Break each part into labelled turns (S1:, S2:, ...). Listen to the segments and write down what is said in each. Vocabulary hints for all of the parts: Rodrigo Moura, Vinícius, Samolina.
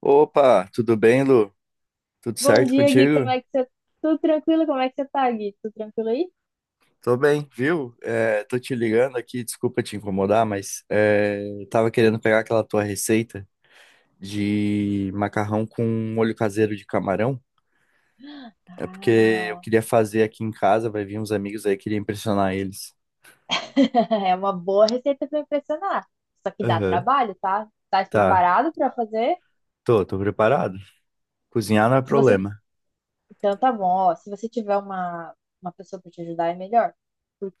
S1: Opa, tudo bem, Lu? Tudo
S2: Bom
S1: certo
S2: dia, Gui. Como
S1: contigo?
S2: é que você... Tudo tranquilo? Como é que você tá, Gui? Tudo tranquilo aí?
S1: Tô bem, viu? Tô te ligando aqui, desculpa te incomodar, mas tava querendo pegar aquela tua receita de macarrão com molho caseiro de camarão. É porque eu
S2: Ah,
S1: queria fazer aqui em casa, vai vir uns amigos aí, queria impressionar eles.
S2: é uma boa receita para impressionar. Só que dá
S1: Aham.
S2: trabalho, tá? Tá
S1: Tá,
S2: preparado para fazer?
S1: tô preparado. Cozinhar não é
S2: Se você,
S1: problema.
S2: então tá bom, ó, se você tiver uma pessoa para te ajudar é melhor,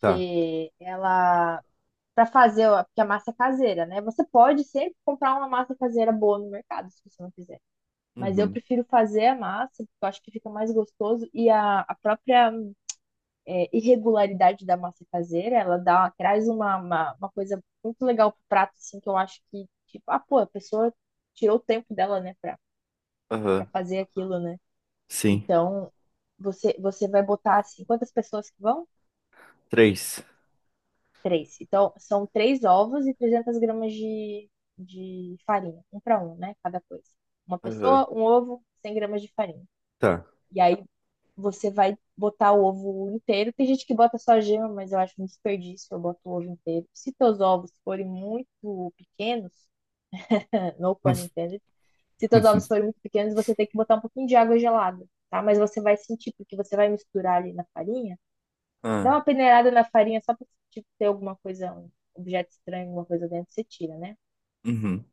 S1: Tá.
S2: ela para fazer, ó, porque a massa é caseira, né? Você pode sempre comprar uma massa caseira boa no mercado, se você não quiser. Mas eu
S1: Uhum.
S2: prefiro fazer a massa, porque eu acho que fica mais gostoso e a própria irregularidade da massa caseira, ela dá, traz uma coisa muito legal pro prato, assim, que eu acho que, tipo, ah, pô, a pessoa tirou o tempo dela, né, pra, pra
S1: Aham.
S2: fazer aquilo, né?
S1: Sim.
S2: Então, você vai botar, assim, quantas pessoas que vão?
S1: Três.
S2: Três. Então, são três ovos e 300 gramas de farinha, um para um, né, cada coisa. Uma
S1: Aham.
S2: pessoa, um ovo, 100 gramas de farinha.
S1: Tá.
S2: E aí você vai botar o ovo inteiro. Tem gente que bota só gema, mas eu acho um desperdício. Eu boto o ovo inteiro. Se teus ovos forem muito pequenos, no pun intended, se teus ovos forem muito pequenos, você tem que botar um pouquinho de água gelada, tá? Mas você vai sentir, porque você vai misturar ali na farinha. Dá
S1: Ah,
S2: uma peneirada na farinha só pra tipo, ter alguma coisa, um objeto estranho, alguma coisa dentro, você tira, né?
S1: uhum.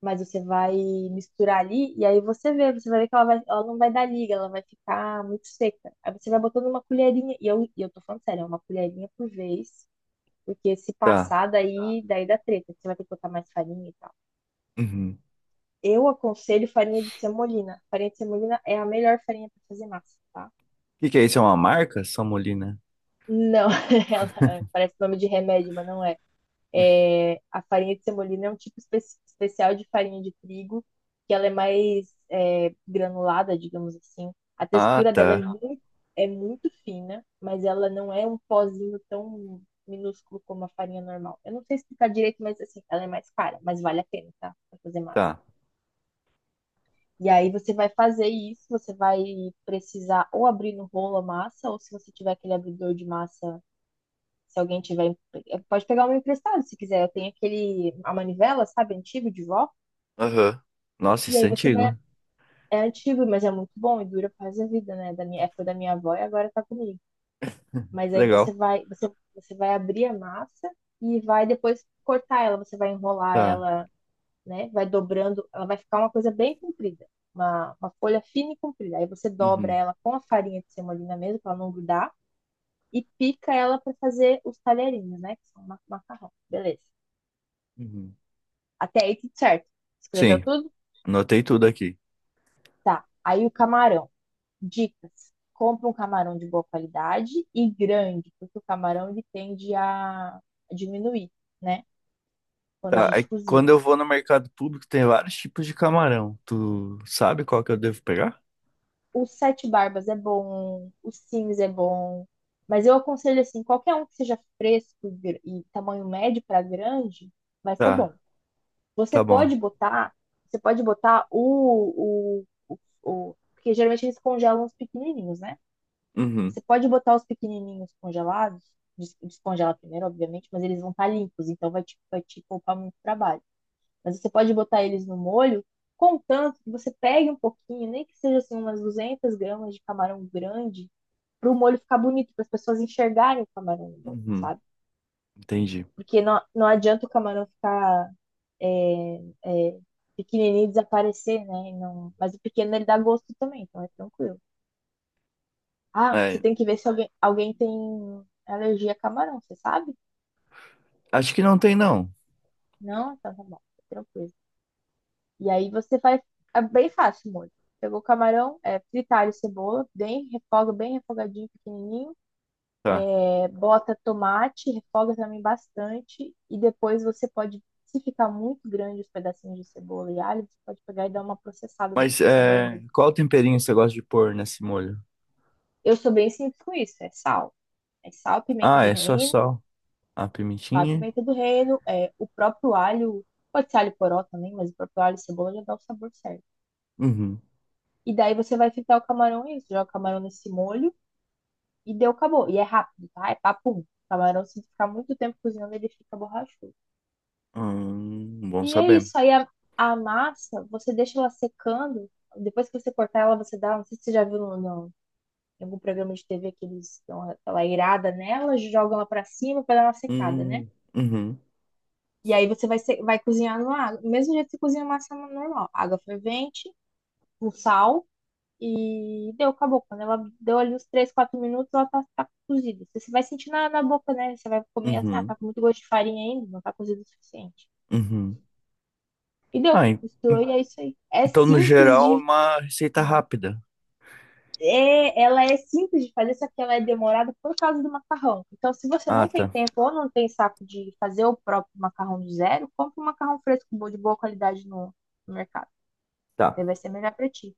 S2: Mas você vai misturar ali e aí você vê, você vai ver que ela, vai, ela não vai dar liga, ela vai ficar muito seca. Aí você vai botando uma colherinha, e eu tô falando sério, é uma colherinha por vez, porque se
S1: Tá.
S2: passar daí, daí dá treta, você vai ter que botar mais farinha e tal.
S1: Uhum.
S2: Eu aconselho farinha de semolina. Farinha de semolina é a melhor farinha para fazer massa, tá?
S1: Que é isso? É uma marca? Samolina.
S2: Não, ela parece nome de remédio, mas não é. É, a farinha de semolina é um tipo especial de farinha de trigo, que ela é mais granulada, digamos assim. A
S1: Ah,
S2: textura dela é
S1: tá.
S2: é muito fina, mas ela não é um pozinho tão minúsculo como a farinha normal. Eu não sei explicar direito, mas assim, ela é mais cara, mas vale a pena, tá? Pra fazer massa.
S1: Tá.
S2: E aí você vai fazer isso, você vai precisar ou abrir no rolo a massa, ou se você tiver aquele abridor de massa se alguém tiver. Pode pegar uma emprestado se quiser. Eu tenho aquele. A manivela, sabe? Antigo de vó.
S1: Aham. Nossa,
S2: E
S1: isso é
S2: aí você vai.
S1: antigo.
S2: É antigo, mas é muito bom e dura pra a vida, né? Da minha, é, foi da minha avó e agora tá comigo. Mas
S1: Que
S2: aí
S1: legal.
S2: você vai, você vai abrir a massa e vai depois cortar ela. Você vai enrolar
S1: Tá.
S2: ela, né? Vai dobrando. Ela vai ficar uma coisa bem comprida. Uma folha fina e comprida. Aí você dobra
S1: Uhum.
S2: ela com a farinha de semolina mesmo, pra ela não grudar e pica ela para fazer os talherinhos, né? Que são macarrão. Beleza.
S1: Uhum.
S2: Até aí tudo certo. Escreveu
S1: Sim,
S2: tudo?
S1: anotei tudo aqui.
S2: Tá. Aí o camarão. Dicas. Compra um camarão de boa qualidade e grande, porque o camarão ele tende a diminuir, né? Quando a
S1: Tá,
S2: gente
S1: aí
S2: cozinha.
S1: quando eu vou no mercado público tem vários tipos de camarão. Tu sabe qual que eu devo pegar?
S2: O sete barbas é bom, o Sims é bom, mas eu aconselho assim, qualquer um que seja fresco e e tamanho médio para grande, vai ser
S1: Tá,
S2: bom. Você
S1: tá
S2: pode
S1: bom.
S2: botar, você pode botar o, porque geralmente eles congelam os pequenininhos, né?
S1: Uhum.
S2: Você pode botar os pequenininhos congelados, descongela primeiro, obviamente, mas eles vão estar limpos, então vai vai te poupar muito trabalho. Mas você pode botar eles no molho, contanto que você pegue um pouquinho, nem que seja assim umas 200 gramas de camarão grande, para o molho ficar bonito, para as pessoas enxergarem o camarão no molho,
S1: Uhum.
S2: sabe?
S1: Entendi.
S2: Porque não adianta o camarão ficar é, é, pequenininho e desaparecer, né? E mas o pequeno ele dá gosto também, então é tranquilo. Ah, você
S1: É,
S2: tem que ver se alguém tem alergia a camarão, você sabe?
S1: acho que não tem não.
S2: Não? Então tá bom, tá tranquilo. E aí você faz. É bem fácil, o molho. Pegou o camarão, é, fritar e cebola, bem, refoga, bem refogadinho, pequenininho.
S1: Tá.
S2: É, bota tomate, refoga também bastante. E depois você pode, se ficar muito grande os pedacinhos de cebola e alho, você pode pegar e dar uma processada no
S1: Mas
S2: processador. Mesmo.
S1: qual temperinho você gosta de pôr nesse molho?
S2: Eu sou bem simples com isso, é sal. É sal, pimenta
S1: Ah,
S2: do
S1: é só
S2: reino,
S1: sal, a
S2: a
S1: pimentinha.
S2: pimenta do reino, é, o próprio alho, pode ser alho poró também, mas o próprio alho e cebola já dá o sabor certo.
S1: Uhum.
S2: E daí você vai fritar o camarão e isso, joga o camarão nesse molho e deu, acabou. E é rápido, tá? É papum. O camarão, se ficar muito tempo cozinhando, ele fica borrachudo.
S1: Bom
S2: E é
S1: saber.
S2: isso. Aí a massa, você deixa ela secando. Depois que você cortar ela, você dá. Não sei se você já viu em algum programa de TV que eles dão aquela irada nela, jogam ela pra cima pra dar uma secada, né?
S1: Hum, uhum,
S2: E aí você vai, vai cozinhar numa água. Do mesmo jeito que você cozinha massa normal. Água fervente, com sal e deu, acabou. Quando ela deu ali uns 3 4 minutos, ela tá, tá cozida. Você vai sentir na boca, né? Você vai comer assim, ah,
S1: uhum,
S2: tá com muito gosto de farinha ainda, não tá cozido o suficiente.
S1: uhum.
S2: E deu,
S1: Ah, en-
S2: misturou e é isso aí. É
S1: então no
S2: simples
S1: geral é
S2: de.
S1: uma receita rápida.
S2: É, ela é simples de fazer, só que ela é demorada por causa do macarrão. Então, se você
S1: Ah,
S2: não tem
S1: tá.
S2: tempo ou não tem saco de fazer o próprio macarrão do zero, compre um macarrão fresco bom, de boa qualidade no mercado.
S1: Tá.
S2: Daí vai ser melhor pra ti.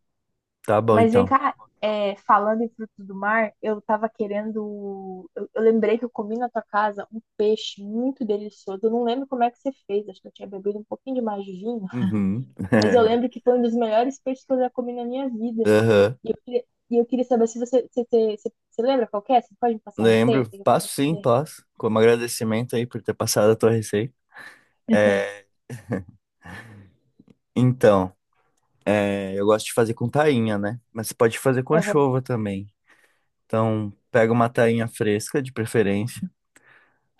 S1: Tá bom
S2: Mas vem
S1: então.
S2: cá, é, falando em frutos do mar, eu tava querendo. Eu lembrei que eu comi na tua casa um peixe muito delicioso. Eu não lembro como é que você fez, acho que eu tinha bebido um pouquinho demais de vinho,
S1: Uhum.
S2: mas eu lembro que foi um dos melhores peixes que eu já comi na minha vida.
S1: Aham.
S2: E eu queria, e eu queria saber se você, você lembra qual que é? Você pode me passar a receita?
S1: Lembro.
S2: Que eu quero
S1: Passo sim,
S2: fazer.
S1: passo. Como agradecimento aí por ter passado a tua receita. É, então, eu gosto de fazer com tainha, né? Mas você pode fazer com
S2: Aham.
S1: anchova também. Então, pega uma tainha fresca, de preferência.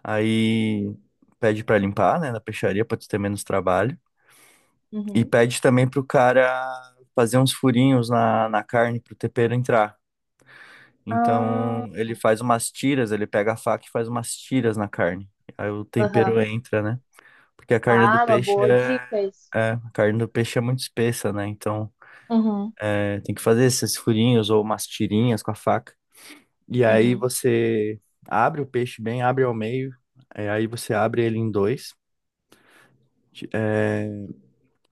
S1: Aí pede pra limpar, né, na peixaria, pra tu ter menos trabalho. E
S2: Uhum.
S1: pede também pro cara fazer uns furinhos na carne pro tempero entrar.
S2: Ah,
S1: Então ele faz umas tiras, ele pega a faca e faz umas tiras na carne. Aí o tempero
S2: aham.
S1: entra, né? Porque a carne do
S2: Ah, uma
S1: peixe
S2: boa
S1: é,
S2: dica isso.
S1: é, A carne do peixe é muito espessa, né? Então
S2: Uhum.
S1: tem que fazer esses furinhos ou umas tirinhas com a faca. E aí
S2: Uhum.
S1: você abre o peixe bem, abre ao meio, aí você abre ele em dois. É,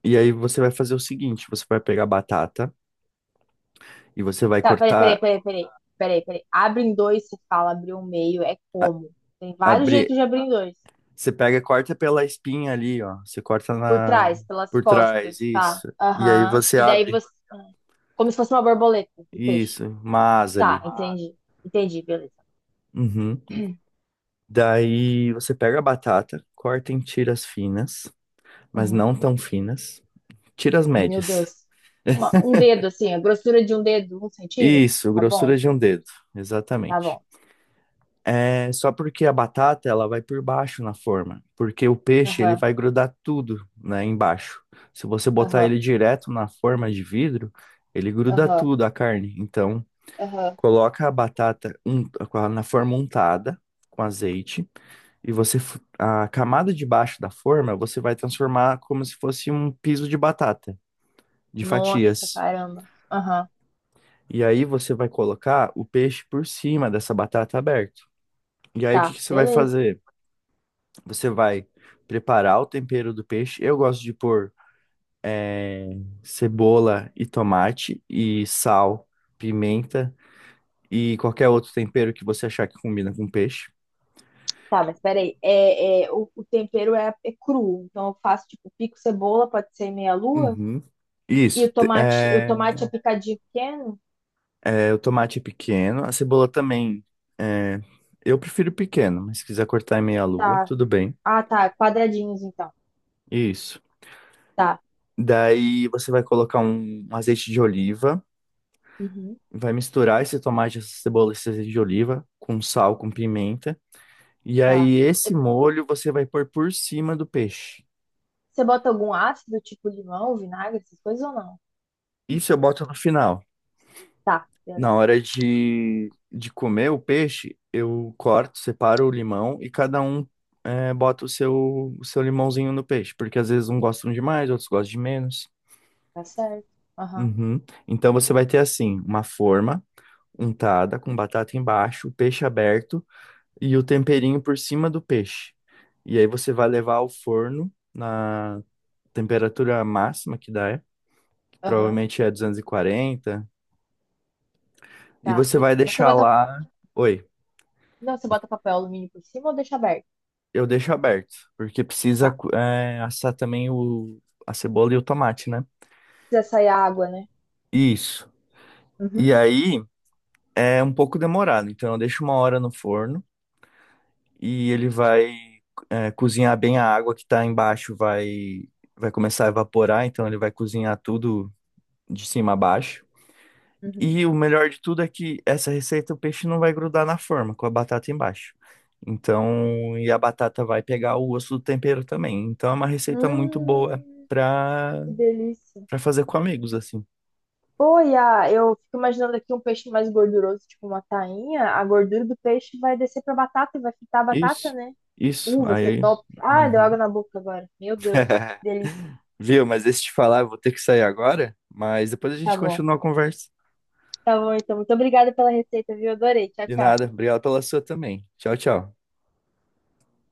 S1: E aí você vai fazer o seguinte, você vai pegar a batata e
S2: Tá, peraí, peraí, peraí, peraí. Peraí, peraí. Abre em dois, se fala abrir um meio, é como? Tem vários
S1: abrir
S2: jeitos de abrir em dois.
S1: você pega e corta pela espinha ali, ó. Você corta
S2: Por
S1: na
S2: trás, pelas
S1: Por trás,
S2: costas, tá?
S1: isso. E aí
S2: Aham.
S1: você
S2: E daí
S1: abre,
S2: você. Como se fosse uma borboleta de peixe.
S1: isso, uma asa
S2: Tá,
S1: ali.
S2: ah, entendi. Entendi, beleza.
S1: Uhum. Daí você pega a batata, corta em tiras finas, mas
S2: Uhum.
S1: não tão finas. Tiras
S2: Ah, Meu
S1: médias.
S2: Deus. Uma- um dedo, assim, a grossura de um dedo, um centímetro.
S1: Isso,
S2: Tá
S1: grossura
S2: bom,
S1: de um dedo,
S2: tá
S1: exatamente.
S2: bom.
S1: É só porque a batata ela vai por baixo na forma, porque o peixe ele
S2: Aham,
S1: vai grudar tudo, né, embaixo. Se você botar
S2: aham,
S1: ele direto na forma de vidro, ele gruda
S2: aham,
S1: tudo a carne. Então
S2: aham.
S1: coloca a batata na forma untada com azeite e você a camada de baixo da forma você vai transformar como se fosse um piso de batata, de
S2: Nossa,
S1: fatias.
S2: caramba. Aham,
S1: E aí você vai colocar o peixe por cima dessa batata aberta. E aí o que
S2: tá,
S1: que você vai
S2: beleza.
S1: fazer? Você vai preparar o tempero do peixe. Eu gosto de pôr cebola e tomate e sal, pimenta e qualquer outro tempero que você achar que combina com peixe.
S2: Tá, mas peraí, o tempero é cru, então eu faço tipo pico cebola, pode ser meia lua,
S1: Uhum.
S2: e
S1: Isso.
S2: o tomate é picadinho pequeno?
S1: O tomate é pequeno, a cebola também. é, eu prefiro pequeno, mas se quiser cortar em meia lua,
S2: Tá.
S1: tudo bem.
S2: Ah, tá, quadradinhos então.
S1: Isso.
S2: Tá,
S1: Daí você vai colocar um azeite de oliva,
S2: uhum.
S1: vai misturar esse tomate, essa cebola, esse azeite de oliva com sal, com pimenta. E
S2: Tá.
S1: aí
S2: E
S1: esse molho você vai pôr por cima do peixe.
S2: você bota algum ácido, tipo limão, vinagre, essas coisas ou não?
S1: Isso eu boto no final.
S2: Tá,
S1: Na
S2: beleza.
S1: hora de comer o peixe, eu corto, separo o limão e cada um bota o seu limãozinho no peixe, porque às vezes um gostam de mais, outros gostam de menos.
S2: Tá certo. Aham,
S1: Uhum. Então você vai ter assim, uma forma untada com batata embaixo, o peixe aberto e o temperinho por cima do peixe. E aí você vai levar ao forno na temperatura máxima que dá, que
S2: aham,
S1: provavelmente é 240, e
S2: tá.
S1: você
S2: E
S1: vai
S2: você
S1: deixar lá. Oi.
S2: não, você bota papel alumínio por cima ou deixa aberto?
S1: Eu deixo aberto, porque precisa
S2: Tá.
S1: assar também a cebola e o tomate, né?
S2: Precisa sair a água, né?
S1: Isso.
S2: Uhum.
S1: E aí é um pouco demorado, então eu deixo 1 hora no forno e ele vai cozinhar bem a água que tá embaixo, vai começar a evaporar, então ele vai cozinhar tudo de cima a baixo.
S2: Uhum.
S1: E o melhor de tudo é que essa receita o peixe não vai grudar na forma, com a batata embaixo. Então, e a batata vai pegar o gosto do tempero também. Então é uma receita muito boa
S2: Hum,
S1: para
S2: que delícia.
S1: pra fazer com amigos, assim.
S2: Oi, ah, eu fico imaginando aqui um peixe mais gorduroso, tipo uma tainha. A gordura do peixe vai descer pra batata e vai fritar a batata,
S1: Isso,
S2: né?
S1: isso.
S2: Vai ser
S1: Aí.
S2: top. Ah, deu
S1: Uhum.
S2: água na boca agora. Meu Deus, delícia.
S1: Viu? Mas deixa eu te falar, eu vou ter que sair agora, mas depois a
S2: Tá
S1: gente
S2: bom.
S1: continua a conversa.
S2: Tá bom, então. Muito obrigada pela receita, viu? Adorei. Tchau,
S1: De
S2: tchau.
S1: nada. Obrigado pela sua também. Tchau, tchau.